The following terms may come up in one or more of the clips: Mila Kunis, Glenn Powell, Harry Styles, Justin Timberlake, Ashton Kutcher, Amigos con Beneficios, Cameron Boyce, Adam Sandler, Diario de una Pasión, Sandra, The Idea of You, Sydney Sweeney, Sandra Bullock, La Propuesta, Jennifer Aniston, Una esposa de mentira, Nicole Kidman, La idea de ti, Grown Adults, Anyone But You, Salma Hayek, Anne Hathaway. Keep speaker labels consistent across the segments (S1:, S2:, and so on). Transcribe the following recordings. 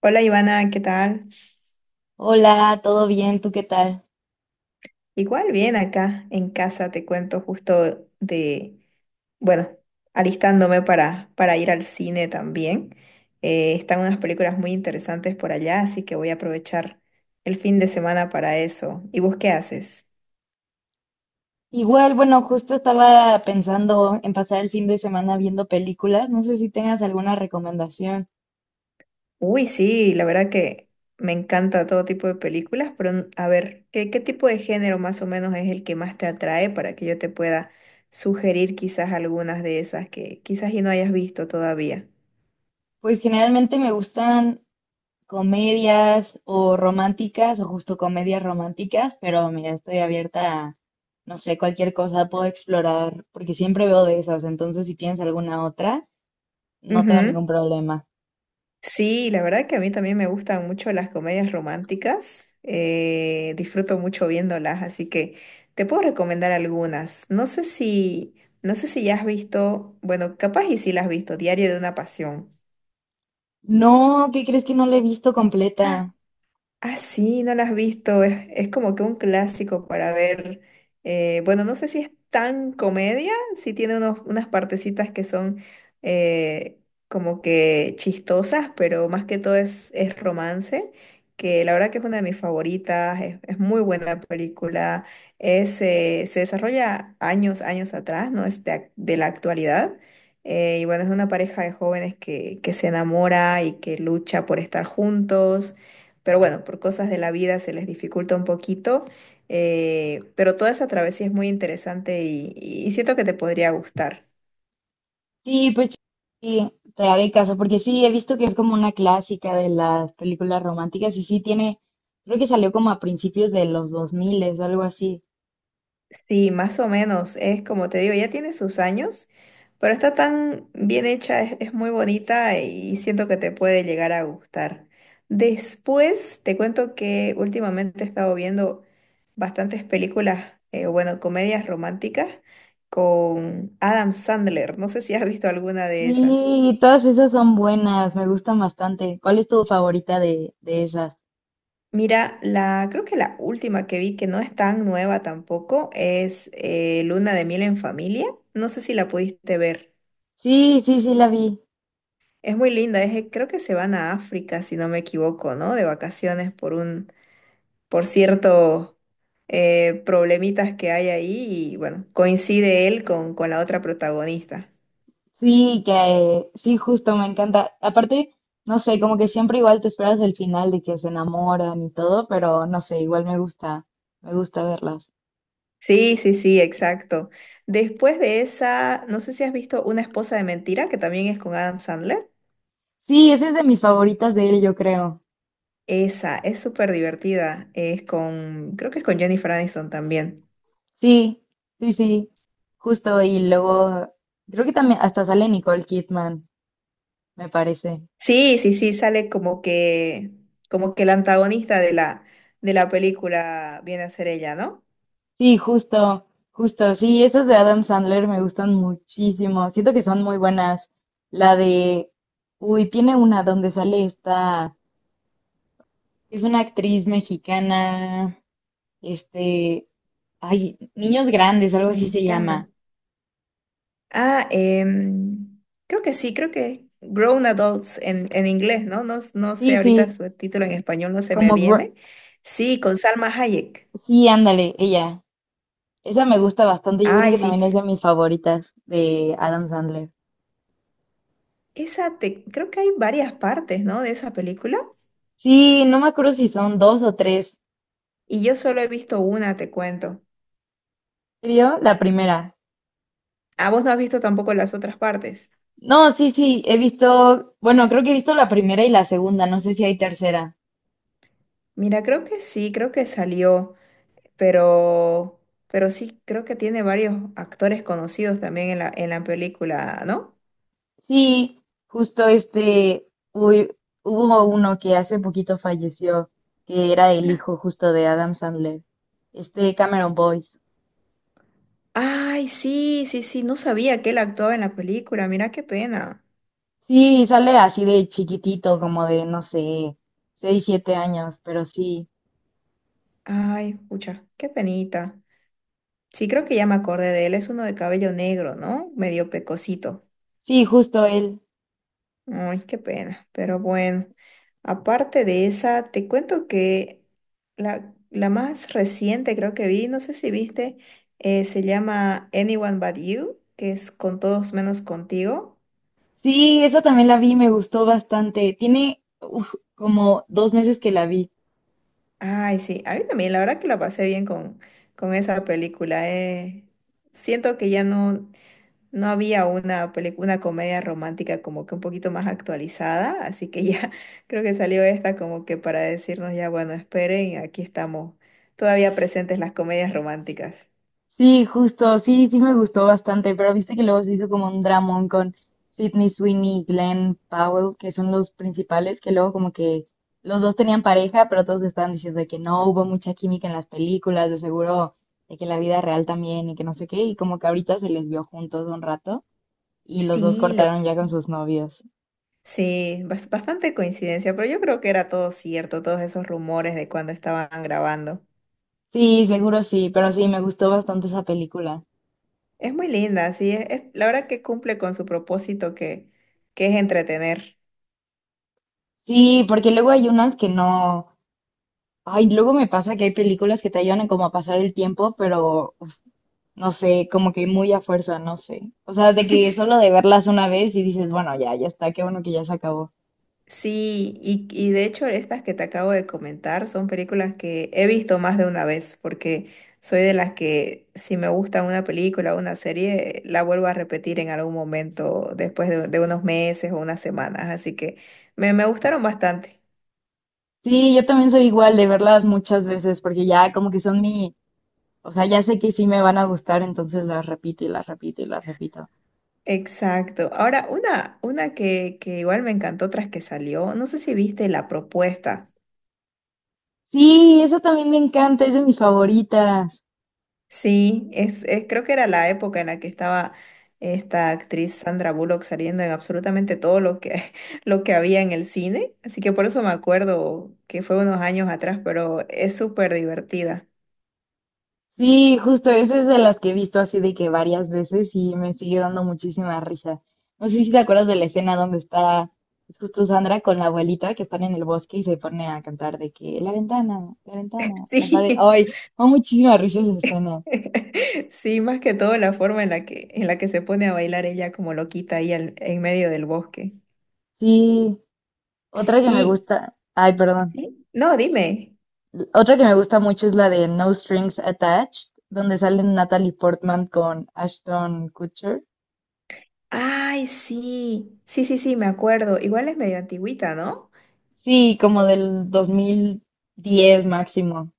S1: Hola, Ivana, ¿qué tal?
S2: Hola, ¿todo bien? ¿Tú qué tal?
S1: Igual bien acá en casa, te cuento justo bueno, alistándome para ir al cine también. Están unas películas muy interesantes por allá, así que voy a aprovechar el fin de semana para eso. ¿Y vos qué haces?
S2: Igual, bueno, justo estaba pensando en pasar el fin de semana viendo películas. No sé si tengas alguna recomendación.
S1: Uy, sí, la verdad que me encanta todo tipo de películas, pero a ver, ¿ qué tipo de género más o menos es el que más te atrae para que yo te pueda sugerir quizás algunas de esas que quizás y no hayas visto todavía?
S2: Pues generalmente me gustan comedias o románticas o justo comedias románticas, pero mira, estoy abierta a, no sé, cualquier cosa puedo explorar porque siempre veo de esas. Entonces, si tienes alguna otra, no tengo ningún
S1: Ujú.
S2: problema.
S1: Sí, la verdad que a mí también me gustan mucho las comedias románticas. Disfruto mucho viéndolas, así que te puedo recomendar algunas. No sé si ya has visto, bueno, capaz y si las has visto, Diario de una Pasión.
S2: No, ¿qué crees que no la he visto completa?
S1: Ah, sí, no la has visto. Es como que un clásico para ver. Bueno, no sé si es tan comedia, sí tiene unas partecitas que son eh, como que chistosas, pero más que todo es romance, que la verdad que es una de mis favoritas, es muy buena película. Se desarrolla años atrás, no es de la actualidad. Y bueno, es una pareja de jóvenes que se enamora y que lucha por estar juntos, pero bueno, por cosas de la vida se les dificulta un poquito. Eh, Pero toda esa travesía es muy interesante y siento que te podría gustar.
S2: Sí, pues sí, te haré caso, porque sí, he visto que es como una clásica de las películas románticas y sí tiene, creo que salió como a principios de los 2000 o algo así.
S1: Sí, más o menos, es como te digo, ya tiene sus años, pero está tan bien hecha, es muy bonita y siento que te puede llegar a gustar. Después te cuento que últimamente he estado viendo bastantes películas, bueno, comedias románticas con Adam Sandler. No sé si has visto alguna de esas.
S2: Sí, todas esas son buenas, me gustan bastante. ¿Cuál es tu favorita de esas?
S1: Mira, creo que la última que vi, que no es tan nueva tampoco, es Luna de Miel en Familia. No sé si la pudiste ver.
S2: Sí, sí, sí, la vi.
S1: Es muy linda, es, creo que se van a África, si no me equivoco, ¿no? De vacaciones por por ciertos problemitas que hay ahí y bueno, coincide él con la otra protagonista.
S2: Sí, que sí, justo, me encanta. Aparte, no sé, como que siempre igual te esperas el final de que se enamoran y todo, pero no sé, igual me gusta verlas.
S1: Sí, sí, sí, exacto. Después de esa, no sé si has visto Una esposa de mentira, que también es con Adam Sandler.
S2: Sí, esa es de mis favoritas de él, yo creo.
S1: Esa es súper divertida. Es con, creo que es con Jennifer Aniston también.
S2: Sí, sí, sí, justo. Y luego, creo que también hasta sale Nicole Kidman, me parece.
S1: Sí, sí, sí, sale como que el antagonista de de la película viene a ser ella, ¿no?
S2: Sí, justo, justo. Sí, esas de Adam Sandler me gustan muchísimo. Siento que son muy buenas. La de, uy, tiene una donde sale esta, es una actriz mexicana, este, ay, Niños Grandes, algo así se llama.
S1: Mexicana. Ah, creo que sí, creo que Grown Adults en inglés, ¿no? No, no sé,
S2: Sí,
S1: ahorita
S2: sí,
S1: su título en español no se me
S2: como, Gr-
S1: viene. Sí, con Salma Hayek.
S2: sí, ándale, ella. Esa me gusta bastante, yo creo
S1: Ay,
S2: que
S1: sí.
S2: también es de mis favoritas de Adam Sandler.
S1: Esa te, creo que hay varias partes, ¿no? De esa película.
S2: Sí, no me acuerdo si son dos o tres.
S1: Y yo solo he visto una, te cuento.
S2: ¿En ¿Serio? La primera.
S1: Ah, vos no has visto tampoco las otras partes.
S2: No, sí, sí, he visto, bueno, creo que he visto la primera y la segunda, no sé si hay tercera.
S1: Mira, creo que sí, creo que salió, pero, pero sí, creo que tiene varios actores conocidos también en en la película, ¿no?
S2: Sí, justo este, uy, hubo uno que hace poquito falleció, que era el hijo justo de Adam Sandler, este Cameron Boyce.
S1: Ay, sí, sí, sí, no sabía que él actuaba en la película, mira qué pena.
S2: Sí, sale así de chiquitito, como de, no sé, seis, siete años, pero sí,
S1: Ay, pucha, qué penita. Sí, creo que ya me acordé de él, es uno de cabello negro, ¿no? Medio pecosito.
S2: sí, justo él.
S1: Ay, qué pena, pero bueno. Aparte de esa, te cuento que la más reciente creo que vi, no sé si viste, se llama Anyone But You, que es con todos menos contigo.
S2: Sí, esa también la vi, me gustó bastante. Tiene uf, como dos meses que la vi.
S1: Ay, sí, a mí también, la verdad que la pasé bien con esa película. Siento que no había una película, una comedia romántica como que un poquito más actualizada, así que ya creo que salió esta como que para decirnos ya, bueno, esperen, aquí estamos todavía presentes las comedias románticas.
S2: Sí, justo, sí, sí me gustó bastante, pero viste que luego se hizo como un dramón con Sydney Sweeney y Glenn Powell, que son los principales, que luego como que los dos tenían pareja, pero todos estaban diciendo de que no hubo mucha química en las películas, de seguro, de que en la vida real también y que no sé qué, y como que ahorita se les vio juntos un rato y los dos
S1: Sí, lo
S2: cortaron ya
S1: vi.
S2: con sus novios.
S1: Sí, bastante coincidencia, pero yo creo que era todo cierto, todos esos rumores de cuando estaban grabando.
S2: Sí, seguro sí, pero sí, me gustó bastante esa película.
S1: Es muy linda, sí, la verdad que cumple con su propósito que es entretener.
S2: Sí, porque luego hay unas que no. Ay, luego me pasa que hay películas que te ayudan como a pasar el tiempo, pero no sé, como que muy a fuerza, no sé. O sea, de que solo de verlas una vez y dices, bueno, ya, ya está, qué bueno que ya se acabó.
S1: Sí, y de hecho estas que te acabo de comentar son películas que he visto más de una vez, porque soy de las que si me gusta una película o una serie, la vuelvo a repetir en algún momento después de unos meses o unas semanas, así que me gustaron bastante.
S2: Sí, yo también soy igual de verlas muchas veces, porque ya como que son mi. O sea, ya sé que sí me van a gustar, entonces las repito y las repito y las repito.
S1: Exacto. Ahora, una que igual me encantó tras que salió, no sé si viste La Propuesta.
S2: Sí, esa también me encanta, es de mis favoritas.
S1: Sí, creo que era la época en la que estaba esta actriz Sandra Bullock saliendo en absolutamente todo lo que lo que había en el cine, así que por eso me acuerdo que fue unos años atrás, pero es súper divertida.
S2: Sí, justo esa es de las que he visto así de que varias veces y me sigue dando muchísima risa. No sé si te acuerdas de la escena donde está justo Sandra con la abuelita que están en el bosque y se pone a cantar de que la ventana, la ventana, la pared.
S1: Sí,
S2: Ay, me da muchísima risa esa escena.
S1: sí, más que todo la forma en la que se pone a bailar ella como loquita ahí en medio del bosque.
S2: Sí, otra que me
S1: Y
S2: gusta, ay, perdón.
S1: ¿sí? No, dime.
S2: Otra que me gusta mucho es la de No Strings Attached, donde salen Natalie Portman con Ashton Kutcher.
S1: Ay, sí, sí, sí, sí, me acuerdo. Igual es medio antigüita, ¿no?
S2: Sí, como del 2010 máximo.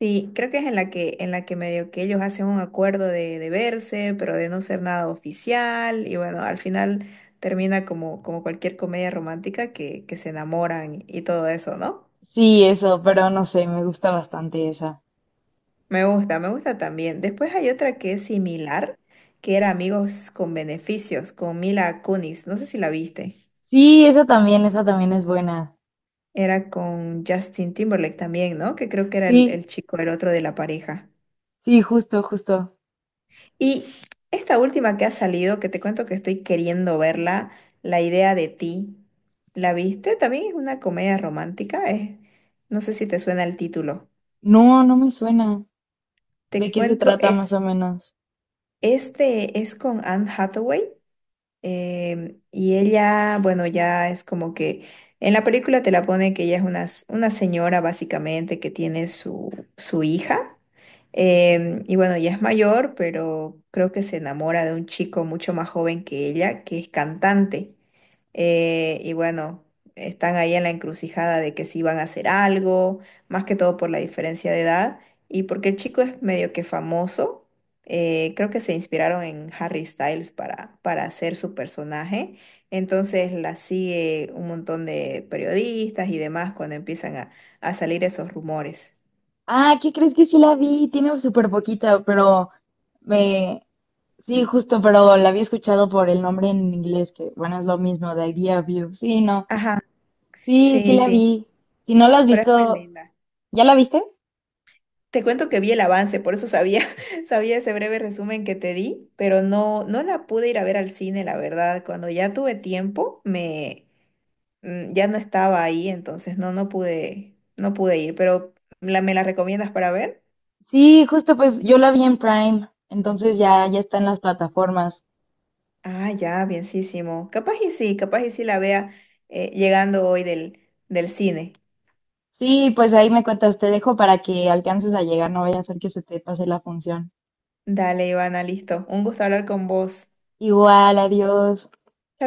S1: Sí, creo que es en la que medio que ellos hacen un acuerdo de verse, pero de no ser nada oficial, y bueno, al final termina como, como cualquier comedia romántica que se enamoran y todo eso, ¿no?
S2: Sí, eso, pero no sé, me gusta bastante esa.
S1: Me gusta también. Después hay otra que es similar, que era Amigos con Beneficios, con Mila Kunis, no sé si la viste.
S2: Sí, esa también es buena.
S1: Era con Justin Timberlake también, ¿no? Que creo que era
S2: Sí,
S1: el chico, el otro de la pareja.
S2: sí, justo, justo.
S1: Y esta última que ha salido, que te cuento que estoy queriendo verla, La idea de ti, ¿la viste? También es una comedia romántica, es, no sé si te suena el título.
S2: No, no me suena. ¿De
S1: Te
S2: qué se
S1: cuento,
S2: trata más
S1: es,
S2: o menos?
S1: este es con Anne Hathaway. Y ella, bueno, ya es como que en la película te la pone que ella es una señora básicamente que tiene su hija. Y bueno, ya es mayor, pero creo que se enamora de un chico mucho más joven que ella, que es cantante. Y bueno, están ahí en la encrucijada de que si van a hacer algo, más que todo por la diferencia de edad y porque el chico es medio que famoso. Creo que se inspiraron en Harry Styles para hacer su personaje. Entonces la sigue un montón de periodistas y demás cuando empiezan a salir esos rumores.
S2: Ah, ¿qué crees que sí la vi? Tiene súper poquita, pero me... Sí, justo, pero la había escuchado por el nombre en inglés, que bueno, es lo mismo, The Idea of You. Sí, no.
S1: Ajá,
S2: Sí, sí
S1: sí,
S2: la
S1: sí,
S2: vi. Si no la has
S1: pero es muy
S2: visto,
S1: linda.
S2: ¿ya la viste?
S1: Te cuento que vi el avance, por eso sabía, sabía ese breve resumen que te di, pero no, no la pude ir a ver al cine, la verdad. Cuando ya tuve tiempo, ya no estaba ahí, entonces no, no pude, no pude ir. Pero ¿la, me la recomiendas para ver?
S2: Sí, justo, pues yo la vi en Prime, entonces ya, ya está en las plataformas.
S1: Ah, ya, bienísimo. Capaz y sí la vea, llegando hoy del cine.
S2: Sí, pues ahí me cuentas, te dejo para que alcances a llegar, no vaya a ser que se te pase la función.
S1: Dale, Ivana, listo. Un gusto hablar con vos.
S2: Igual, adiós.